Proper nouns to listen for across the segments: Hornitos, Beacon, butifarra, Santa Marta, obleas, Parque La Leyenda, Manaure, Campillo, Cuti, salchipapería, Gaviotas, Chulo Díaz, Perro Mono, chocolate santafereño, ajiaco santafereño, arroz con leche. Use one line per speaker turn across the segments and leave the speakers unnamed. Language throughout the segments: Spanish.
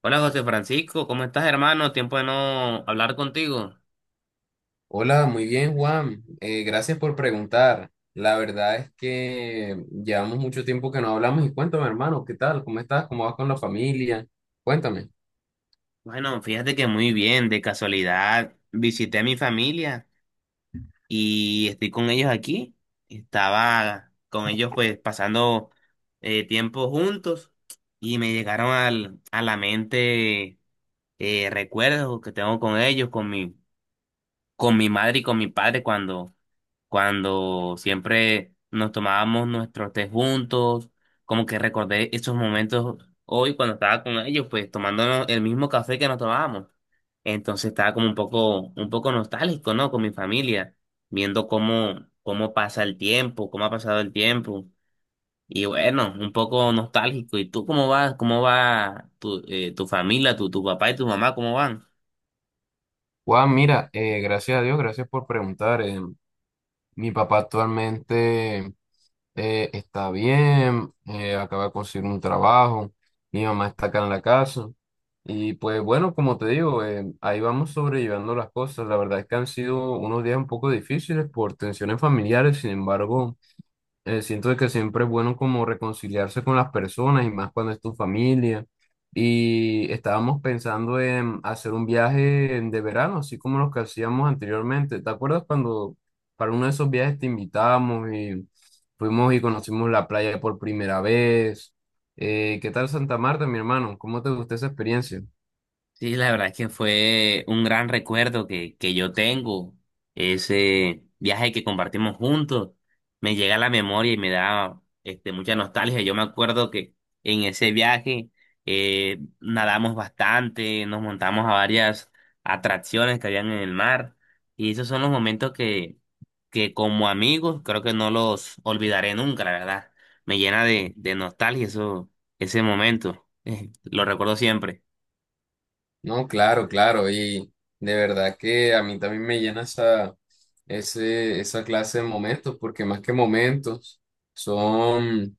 Hola José Francisco, ¿cómo estás hermano? Tiempo de no hablar contigo.
Hola, muy bien, Juan. Gracias por preguntar. La verdad es que llevamos mucho tiempo que no hablamos y cuéntame, hermano, ¿qué tal? ¿Cómo estás? ¿Cómo vas con la familia? Cuéntame.
Bueno, fíjate que muy bien, de casualidad visité a mi familia y estoy con ellos aquí. Estaba con ellos pues pasando tiempo juntos y me llegaron a la mente recuerdos que tengo con ellos, con mi madre y con mi padre cuando siempre nos tomábamos nuestros té juntos, como que recordé esos momentos hoy cuando estaba con ellos, pues tomándonos el mismo café que nos tomábamos. Entonces estaba como un poco nostálgico, ¿no? Con mi familia, viendo cómo, cómo pasa el tiempo, cómo ha pasado el tiempo. Y bueno, un poco nostálgico. ¿Y tú cómo vas? ¿Cómo va tu, tu familia, tu papá y tu mamá? ¿Cómo van?
Juan, mira, gracias a Dios, gracias por preguntar. Mi papá actualmente está bien, acaba de conseguir un trabajo, mi mamá está acá en la casa. Y pues bueno, como te digo, ahí vamos sobrellevando las cosas. La verdad es que han sido unos días un poco difíciles por tensiones familiares, sin embargo. Siento de que siempre es bueno como reconciliarse con las personas y más cuando es tu familia. Y estábamos pensando en hacer un viaje de verano, así como los que hacíamos anteriormente. ¿Te acuerdas cuando para uno de esos viajes te invitamos y fuimos y conocimos la playa por primera vez? ¿Qué tal Santa Marta, mi hermano? ¿Cómo te gustó esa experiencia?
Sí, la verdad es que fue un gran recuerdo que yo tengo. Ese viaje que compartimos juntos me llega a la memoria y me da mucha nostalgia. Yo me acuerdo que en ese viaje nadamos bastante, nos montamos a varias atracciones que habían en el mar y esos son los momentos que como amigos creo que no los olvidaré nunca, la verdad. Me llena de nostalgia eso, ese momento. Lo recuerdo siempre.
No, claro, claro, y de verdad que a mí también me llena esa clase de momentos, porque más que momentos, son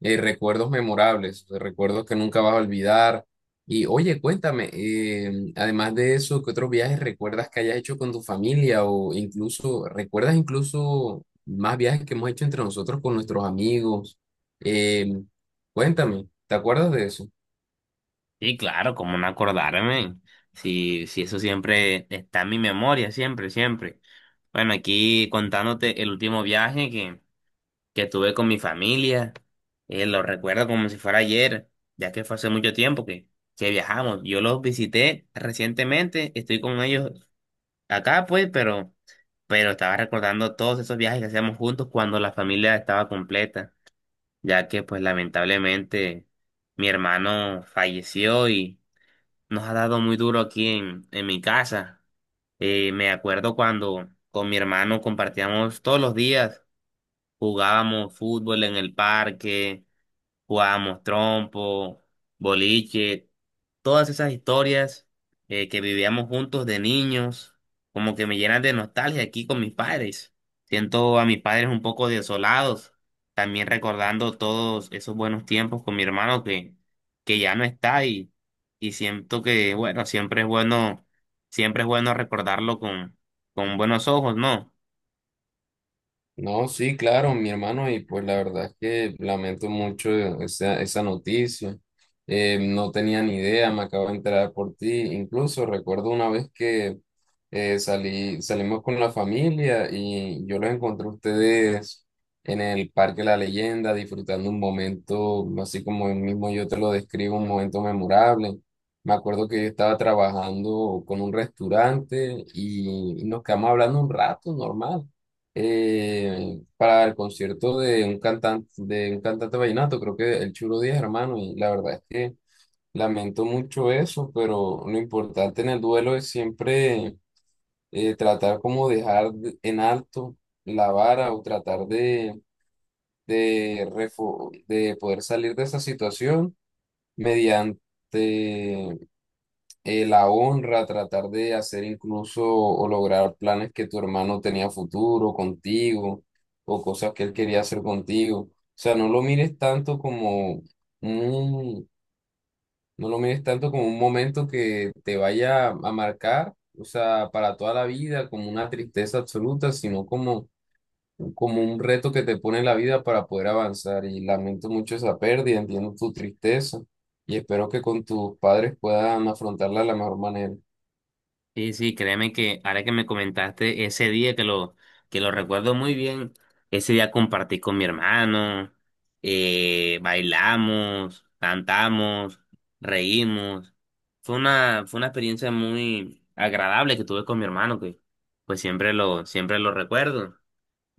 recuerdos memorables, de recuerdos que nunca vas a olvidar. Y oye, cuéntame, además de eso, ¿qué otros viajes recuerdas que hayas hecho con tu familia o incluso, recuerdas incluso más viajes que hemos hecho entre nosotros con nuestros amigos? Eh, Cuéntame, ¿te acuerdas de eso?
Sí, claro, como no acordarme. Sí, sí, eso siempre está en mi memoria, siempre, siempre. Bueno, aquí contándote el último viaje que tuve con mi familia, lo recuerdo como si fuera ayer, ya que fue hace mucho tiempo que viajamos. Yo los visité recientemente, estoy con ellos acá, pues, pero estaba recordando todos esos viajes que hacíamos juntos cuando la familia estaba completa, ya que, pues, lamentablemente mi hermano falleció, nos ha dado muy duro aquí en mi casa. Me acuerdo cuando con mi hermano compartíamos todos los días, jugábamos fútbol en el parque, jugábamos trompo, boliche, todas esas historias que vivíamos juntos de niños, como que me llenan de nostalgia aquí con mis padres. Siento a mis padres un poco desolados, también recordando todos esos buenos tiempos con mi hermano que ya no está y siento que, bueno, siempre es bueno, siempre es bueno recordarlo con buenos ojos, ¿no?
No, sí, claro, mi hermano, y pues la verdad es que lamento mucho esa noticia. No tenía ni idea, me acabo de enterar por ti. Incluso recuerdo una vez que salimos con la familia y yo los encontré a ustedes en el Parque La Leyenda disfrutando un momento, así como el mismo yo te lo describo, un momento memorable. Me acuerdo que yo estaba trabajando con un restaurante y nos quedamos hablando un rato, normal para el concierto de un cantante vallenato, creo que el Chulo Díaz, hermano, y la verdad es que lamento mucho eso, pero lo importante en el duelo es siempre tratar como en alto la vara o tratar de, refo- de poder salir de esa situación mediante la honra, tratar de hacer incluso o lograr planes que tu hermano tenía futuro contigo o cosas que él quería hacer contigo. O sea, no lo mires tanto como un, no lo mires tanto como un momento que te vaya a marcar, o sea, para toda la vida, como una tristeza absoluta, sino como, como un reto que te pone la vida para poder avanzar. Y lamento mucho esa pérdida, entiendo tu tristeza. Y espero que con tus padres puedan afrontarla de la mejor manera.
Sí, sí, créeme que ahora que me comentaste ese día que lo recuerdo muy bien, ese día compartí con mi hermano, bailamos, cantamos, reímos. Fue una experiencia muy agradable que tuve con mi hermano, que pues siempre lo recuerdo.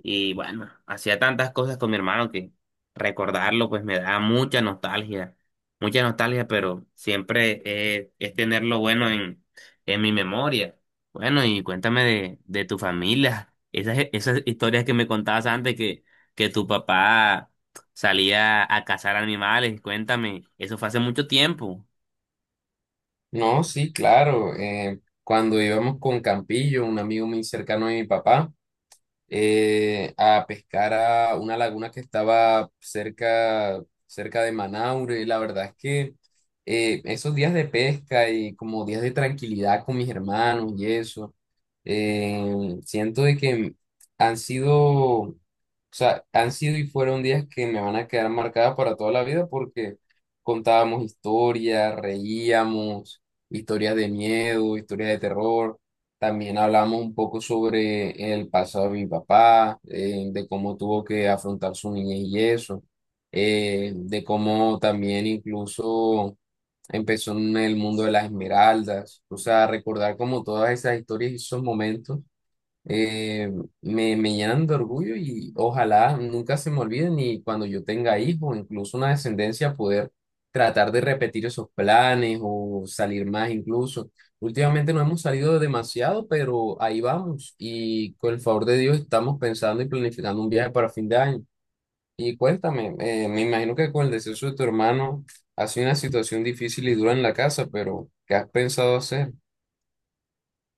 Y bueno, hacía tantas cosas con mi hermano que recordarlo pues me da mucha nostalgia, pero siempre es tenerlo bueno en mi memoria. Bueno, y cuéntame de tu familia, esas historias que me contabas antes que tu papá salía a cazar animales, cuéntame, eso fue hace mucho tiempo.
No, sí, claro. Cuando íbamos con Campillo, un amigo muy cercano de mi papá, a pescar a una laguna que estaba cerca, cerca de Manaure. La verdad es que esos días de pesca y como días de tranquilidad con mis hermanos y eso, siento de que han sido, o sea, han sido y fueron días que me van a quedar marcadas para toda la vida porque contábamos historias, reíamos, historias de miedo, historias de terror. También hablamos un poco sobre el pasado de mi papá, de cómo tuvo que afrontar su niñez y eso, de cómo también incluso empezó en el mundo de las esmeraldas, o sea, recordar como todas esas historias y esos momentos eh, me llenan de orgullo y ojalá nunca se me olviden y cuando yo tenga hijos, incluso una descendencia, poder tratar de repetir esos planes o salir más incluso. Últimamente no hemos salido demasiado, pero ahí vamos y con el favor de Dios estamos pensando y planificando un viaje para fin de año. Y cuéntame, me imagino que con el deceso de tu hermano ha sido una situación difícil y dura en la casa, pero ¿qué has pensado hacer?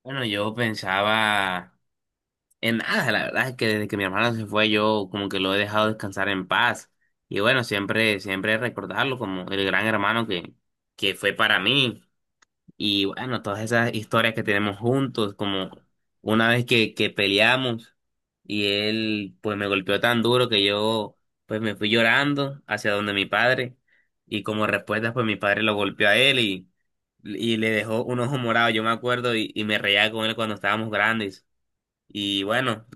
Bueno, yo pensaba en nada, la verdad es que desde que mi hermano se fue yo como que lo he dejado descansar en paz. Y bueno, siempre, siempre recordarlo como el gran hermano que fue para mí. Y bueno, todas esas historias que tenemos juntos, como una vez que peleamos y él pues me golpeó tan duro que yo pues me fui llorando hacia donde mi padre. Y como respuesta pues mi padre lo golpeó a él y le dejó un ojo morado, yo me acuerdo, y me reía con él cuando estábamos grandes. Y bueno,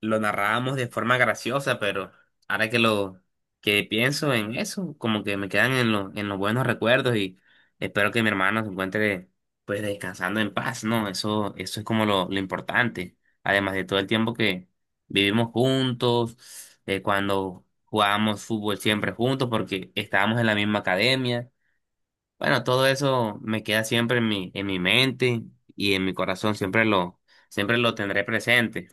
lo narrábamos de forma graciosa, pero ahora que lo que pienso en eso, como que me quedan en los buenos recuerdos y espero que mi hermano se encuentre pues descansando en paz, ¿no? Eso es como lo importante. Además de todo el tiempo que vivimos juntos, cuando jugábamos fútbol siempre juntos porque estábamos en la misma academia. Bueno, todo eso me queda siempre en mi mente y en mi corazón, siempre lo tendré presente.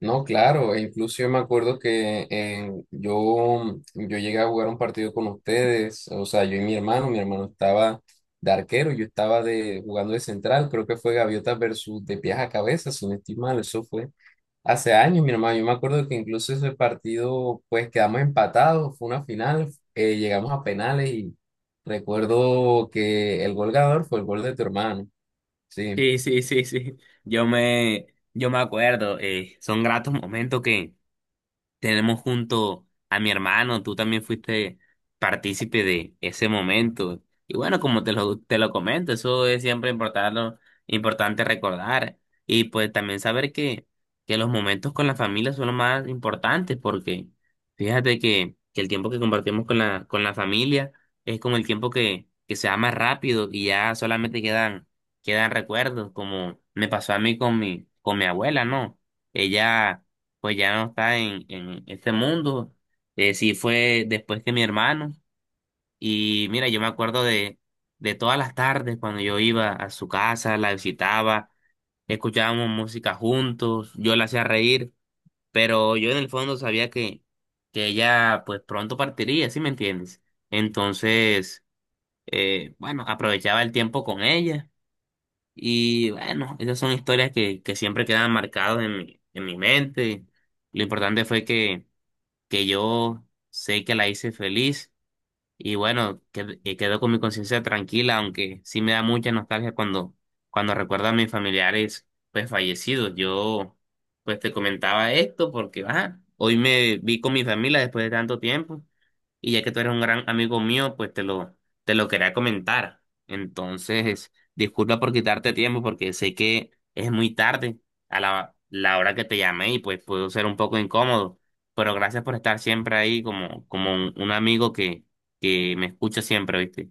No, claro, e incluso yo me acuerdo que yo llegué a jugar un partido con ustedes, o sea, yo y mi hermano estaba de arquero, yo estaba jugando de central, creo que fue Gaviotas versus de pies a cabeza, si no estoy mal, eso fue hace años, mi hermano, yo me acuerdo que incluso ese partido, pues quedamos empatados, fue una final, llegamos a penales y recuerdo que el gol ganador fue el gol de tu hermano, sí.
Sí, sí, sí, sí. Yo me, yo me acuerdo, son gratos momentos que tenemos junto a mi hermano, tú también fuiste partícipe de ese momento. Y bueno, como te lo comento, eso es siempre importante, importante recordar. Y pues también saber que los momentos con la familia son los más importantes, porque fíjate que el tiempo que compartimos con la familia es como el tiempo que se va más rápido y ya solamente quedan, quedan recuerdos, como me pasó a mí con mi abuela, ¿no? Ella pues ya no está en este mundo. Sí fue después que mi hermano. Y mira, yo me acuerdo de todas las tardes cuando yo iba a su casa, la visitaba, escuchábamos música juntos, yo la hacía reír, pero yo en el fondo sabía que ella pues pronto partiría, ¿sí me entiendes? Entonces, bueno, aprovechaba el tiempo con ella. Y bueno, esas son historias que siempre quedan marcadas en mi mente. Lo importante fue que yo sé que la hice feliz. Y bueno, quedo con mi conciencia tranquila, aunque sí me da mucha nostalgia cuando, cuando recuerdo a mis familiares pues fallecidos. Yo pues te comentaba esto porque ajá, hoy me vi con mi familia después de tanto tiempo y ya que tú eres un gran amigo mío, pues te lo quería comentar. Entonces, disculpa por quitarte tiempo porque sé que es muy tarde a la hora que te llamé y pues puedo ser un poco incómodo, pero gracias por estar siempre ahí como, como un amigo que me escucha siempre, ¿viste?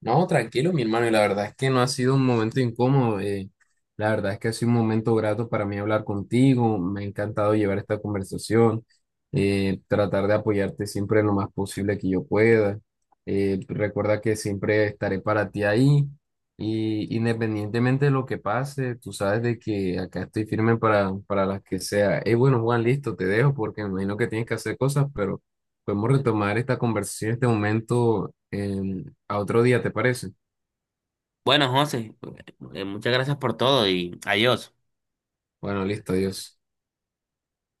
No, tranquilo, mi hermano, y la verdad es que no ha sido un momento incómodo. La verdad es que ha sido un momento grato para mí hablar contigo. Me ha encantado llevar esta conversación, tratar de apoyarte siempre lo más posible que yo pueda. Recuerda que siempre estaré para ti ahí y independientemente de lo que pase, tú sabes de que acá estoy firme para las que sea. Bueno, Juan, listo, te dejo porque me imagino que tienes que hacer cosas, pero podemos retomar esta conversación en este momento a otro día, ¿te parece?
Bueno, José, muchas gracias por todo y adiós.
Bueno, listo, adiós.